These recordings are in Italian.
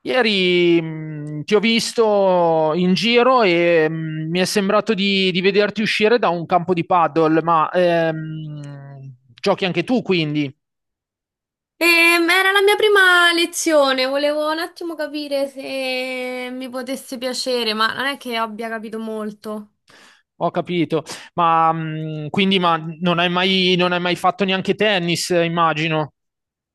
Ieri ti ho visto in giro e mi è sembrato di vederti uscire da un campo di paddle, ma giochi anche tu, quindi Era la mia prima lezione, volevo un attimo capire se mi potesse piacere, ma non è che abbia capito molto. ho capito. Ma quindi ma non hai mai fatto neanche tennis, immagino.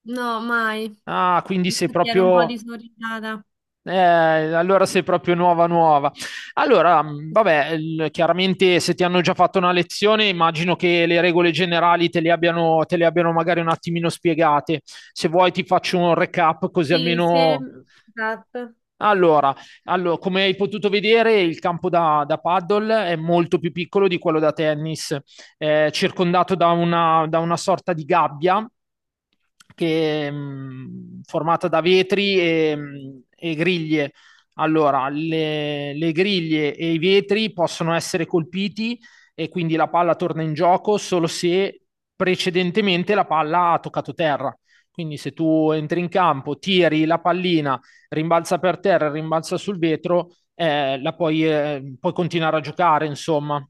No, mai. Ah, quindi sei Infatti ero un po' proprio. disorientata. Allora sei proprio nuova nuova. Allora, vabbè, chiaramente se ti hanno già fatto una lezione, immagino che le regole generali te le abbiano magari un attimino spiegate. Se vuoi ti faccio un recap così Sì, se... almeno. Esatto. Allora, come hai potuto vedere, il campo da paddle è molto più piccolo di quello da tennis, è circondato da una sorta di gabbia che, formata da vetri e griglie. Allora, le griglie e i vetri possono essere colpiti e quindi la palla torna in gioco solo se precedentemente la palla ha toccato terra. Quindi se tu entri in campo, tiri la pallina, rimbalza per terra, rimbalza sul vetro, puoi continuare a giocare, insomma.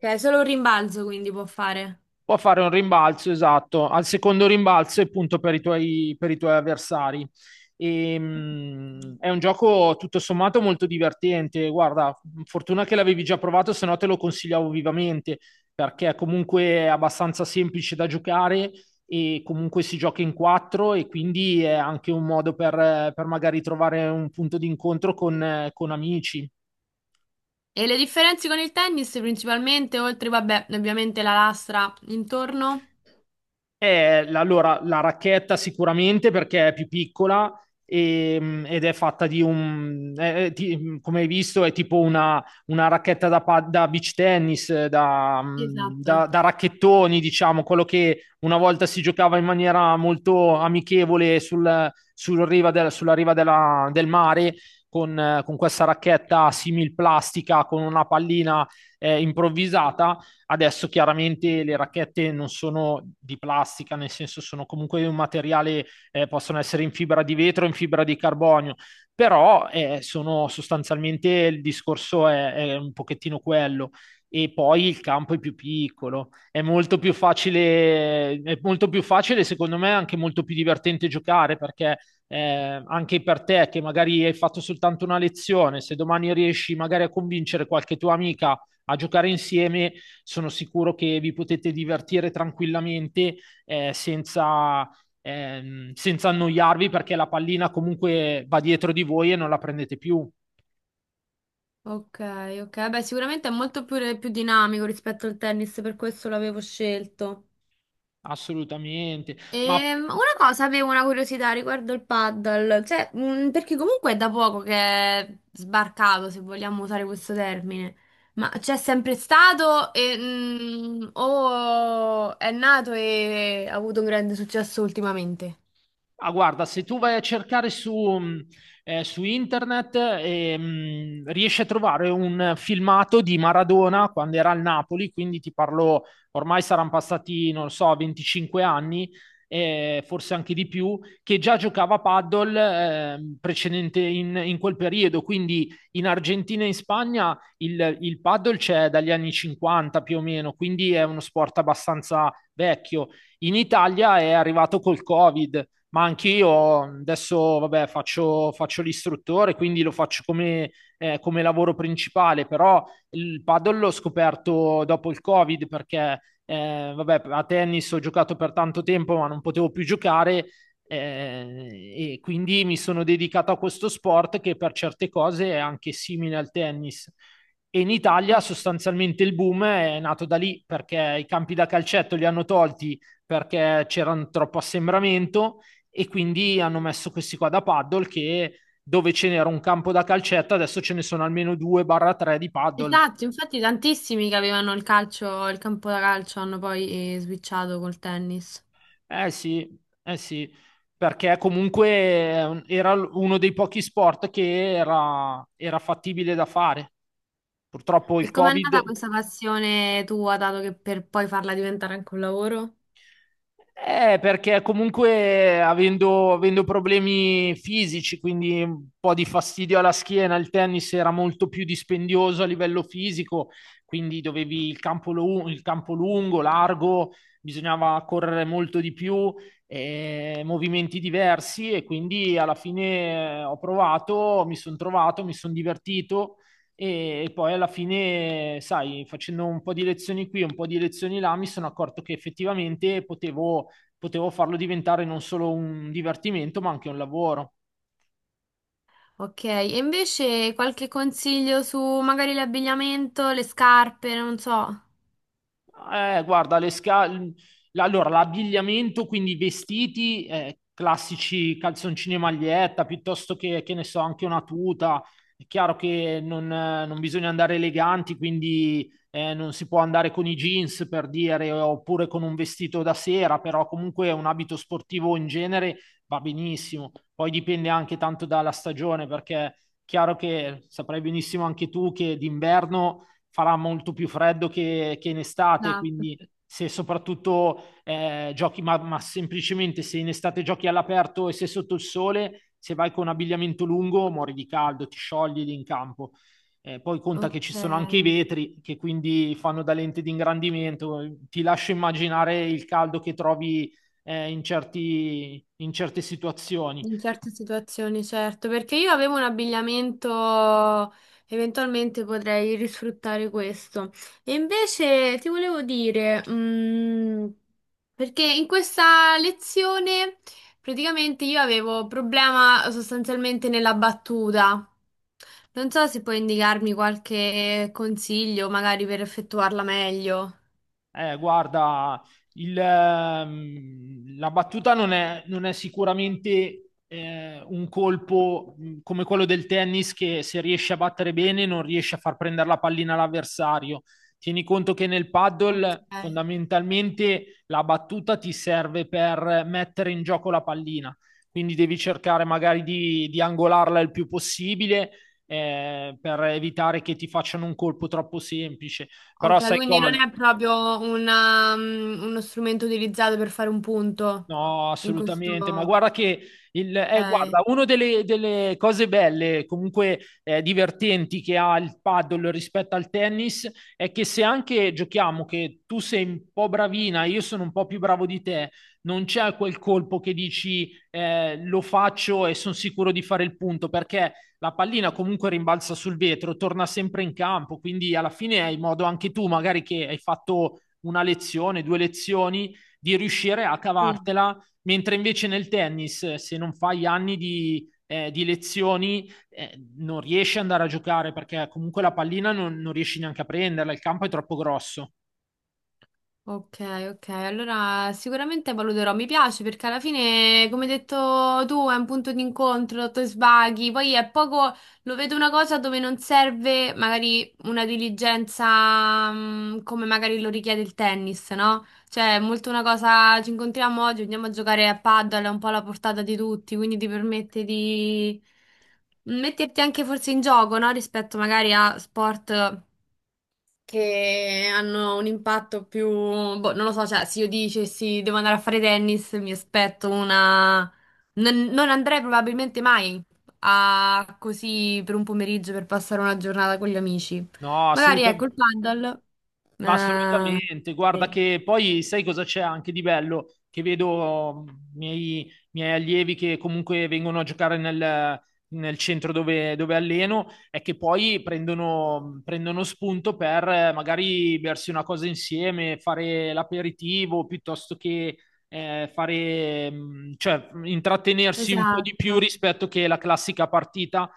Ok, solo un rimbalzo quindi può fare. Può fare un rimbalzo, esatto, al secondo rimbalzo e punto per per i tuoi avversari. E, è un gioco tutto sommato molto divertente. Guarda, fortuna che l'avevi già provato, se no te lo consigliavo vivamente, perché comunque è abbastanza semplice da giocare e comunque si gioca in quattro e quindi è anche un modo per magari trovare un punto di incontro con amici. E le differenze con il tennis principalmente, oltre, vabbè, ovviamente la lastra intorno? Allora, la racchetta sicuramente perché è più piccola ed è fatta di un, è ti- come hai visto, è tipo una racchetta da beach tennis, Esatto. da racchettoni, diciamo, quello che una volta si giocava in maniera molto amichevole sul riva sulla riva del mare. Con questa racchetta simil plastica con una pallina improvvisata. Adesso chiaramente le racchette non sono di plastica, nel senso sono comunque un materiale, possono essere in fibra di vetro, in fibra di carbonio, però sono sostanzialmente il discorso è un pochettino quello e poi il campo è più piccolo. È molto più facile, è molto più facile, secondo me, anche molto più divertente giocare perché anche per te che magari hai fatto soltanto una lezione, se domani riesci magari a convincere qualche tua amica a giocare insieme, sono sicuro che vi potete divertire tranquillamente eh, senza, senza annoiarvi perché la pallina comunque va dietro di voi e non la prendete più. Ok, ok. Beh, sicuramente è molto più dinamico rispetto al tennis, per questo l'avevo scelto. Assolutamente. Ma Una cosa, avevo una curiosità riguardo il paddle, cioè, perché comunque è da poco che è sbarcato, se vogliamo usare questo termine, ma c'è sempre stato e, o è nato e ha avuto un grande successo ultimamente? Ah, guarda, se tu vai a cercare su internet, riesci a trovare un filmato di Maradona quando era al Napoli, quindi ti parlo, ormai saranno passati, non lo so, 25 anni, forse anche di più, che già giocava a paddle, precedente in quel periodo. Quindi in Argentina e in Spagna il paddle c'è dagli anni 50 più o meno, quindi è uno sport abbastanza vecchio. In Italia è arrivato col Covid, ma anch'io adesso vabbè, faccio l'istruttore, quindi lo faccio come, come lavoro principale, però il paddle l'ho scoperto dopo il Covid perché vabbè, a tennis ho giocato per tanto tempo, ma non potevo più giocare e quindi mi sono dedicato a questo sport che per certe cose è anche simile al tennis. E in Italia sostanzialmente il boom è nato da lì perché i campi da calcetto li hanno tolti perché c'era un troppo assembramento e quindi hanno messo questi qua da paddle che dove ce n'era un campo da calcetto, adesso ce ne sono almeno 2-3 di paddle. Esatto, infatti tantissimi che avevano il calcio, il campo da calcio hanno poi switchato col tennis. Eh sì, eh sì, perché comunque era uno dei pochi sport che era, era fattibile da fare. Purtroppo il E com'è nata Covid. questa passione tua, dato che per poi farla diventare anche un lavoro? Perché comunque avendo problemi fisici, quindi un po' di fastidio alla schiena, il tennis era molto più dispendioso a livello fisico, quindi dovevi il campo, il campo lungo, largo, bisognava correre molto di più, movimenti diversi e quindi alla fine ho provato, mi sono trovato, mi sono divertito e poi alla fine, sai, facendo un po' di lezioni qui, un po' di lezioni là, mi sono accorto che effettivamente potevo farlo diventare non solo un divertimento, ma anche un lavoro. Ok, e invece qualche consiglio su magari l'abbigliamento, le scarpe, non so. Guarda, allora l'abbigliamento, quindi i vestiti, classici calzoncini e maglietta, piuttosto che ne so, anche una tuta. È chiaro che non bisogna andare eleganti, quindi non si può andare con i jeans per dire, oppure con un vestito da sera, però comunque un abito sportivo in genere va benissimo. Poi dipende anche tanto dalla stagione, perché è chiaro che saprai benissimo anche tu che d'inverno farà molto più freddo che in estate, Esatto. quindi se soprattutto giochi, semplicemente se in estate giochi all'aperto e se sotto il sole, se vai con abbigliamento lungo muori di caldo, ti sciogli lì in campo. Poi conta che Ok. ci sono anche i vetri che quindi fanno da lente di ingrandimento, ti lascio immaginare il caldo che trovi in certe situazioni. In certe situazioni, certo, perché io avevo un abbigliamento, eventualmente potrei risfruttare questo. E invece ti volevo dire, perché in questa lezione praticamente io avevo problema sostanzialmente nella battuta. Non so se puoi indicarmi qualche consiglio, magari per effettuarla meglio. Guarda, la battuta non è sicuramente un colpo come quello del tennis che se riesce a battere bene non riesce a far prendere la pallina all'avversario. Tieni conto che nel Ok. paddle fondamentalmente la battuta ti serve per mettere in gioco la pallina, quindi devi cercare magari di angolarla il più possibile per evitare che ti facciano un colpo troppo semplice. Però Ok, sai quindi non cosa? è proprio una, uno strumento utilizzato per fare un punto No, in assolutamente, ma questo... guarda che Ok. Una delle cose belle, comunque divertenti che ha il paddle rispetto al tennis è che se anche giochiamo che tu sei un po' bravina, io sono un po' più bravo di te, non c'è quel colpo che dici lo faccio e sono sicuro di fare il punto, perché la pallina comunque rimbalza sul vetro, torna sempre in campo, quindi alla fine hai modo anche tu, magari che hai fatto una lezione, due lezioni di riuscire a Sì. cavartela, mentre invece nel tennis, se non fai anni di lezioni, non riesci ad andare a giocare perché comunque la pallina non riesci neanche a prenderla, il campo è troppo grosso. Ok, ok, allora sicuramente valuterò, mi piace perché alla fine, come hai detto tu, è un punto di incontro, ti sbaghi, poi è poco, lo vedo una cosa dove non serve magari una diligenza come magari lo richiede il tennis, no? Cioè è molto una cosa, ci incontriamo oggi, andiamo a giocare a paddle, è un po' alla portata di tutti, quindi ti permette di metterti anche forse in gioco, no? Rispetto magari a sport che hanno un impatto più, boh, non lo so, cioè se io dicessi devo andare a fare tennis, mi aspetto una... Non, non andrei probabilmente mai a così per un pomeriggio per passare una giornata con gli amici. No, Magari ecco il assolutamente. paddle. Ma Eh, assolutamente, guarda sì, che poi sai cosa c'è anche di bello? Che vedo i miei allievi che comunque vengono a giocare nel centro dove alleno e che poi prendono spunto per magari bersi una cosa insieme, fare l'aperitivo piuttosto che fare, cioè intrattenersi un po' di più esatto. rispetto che la classica partita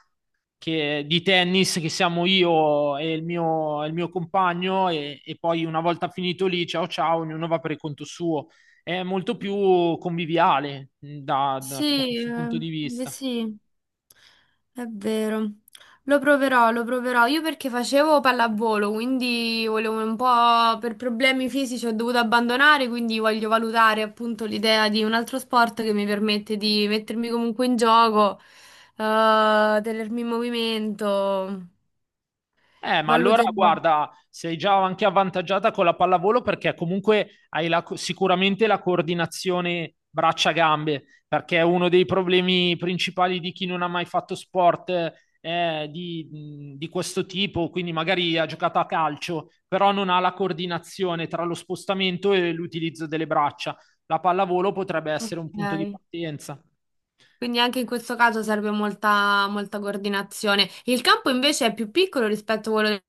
di tennis che siamo io e il mio compagno e poi una volta finito lì, ciao ciao, ognuno va per il conto suo. È molto più conviviale da Sì, questo punto di eh vista. sì, è vero. Lo proverò, lo proverò. Io perché facevo pallavolo, quindi volevo un po' per problemi fisici ho dovuto abbandonare, quindi voglio valutare appunto l'idea di un altro sport che mi permette di mettermi comunque in gioco, tenermi in movimento. Ma allora Valuterò. guarda, sei già anche avvantaggiata con la pallavolo perché comunque hai sicuramente la coordinazione braccia-gambe, perché è uno dei problemi principali di chi non ha mai fatto sport di questo tipo, quindi magari ha giocato a calcio, però non ha la coordinazione tra lo spostamento e l'utilizzo delle braccia. La pallavolo potrebbe essere un punto di Ok. partenza. Quindi anche in questo caso serve molta, molta coordinazione. Il campo invece è più piccolo rispetto a quello.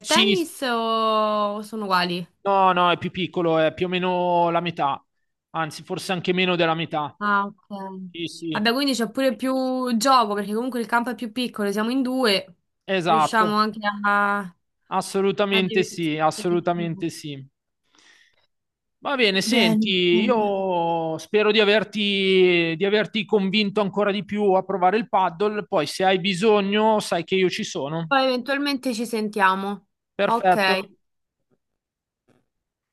Sì, s- Tennis o sono uguali? no, no, è più piccolo, è più o meno la metà, anzi forse anche meno della metà. Ah, ok. Sì, sì, Vabbè, quindi c'è pure più gioco perché comunque il campo è più piccolo, siamo in due, esatto, riusciamo anche a, a assolutamente sì, divertirci di assolutamente più. sì. Va bene, Bene, senti, bene. io spero di averti convinto ancora di più a provare il paddle, poi se hai bisogno sai che io ci sono. Poi eventualmente ci sentiamo. Perfetto. Ok.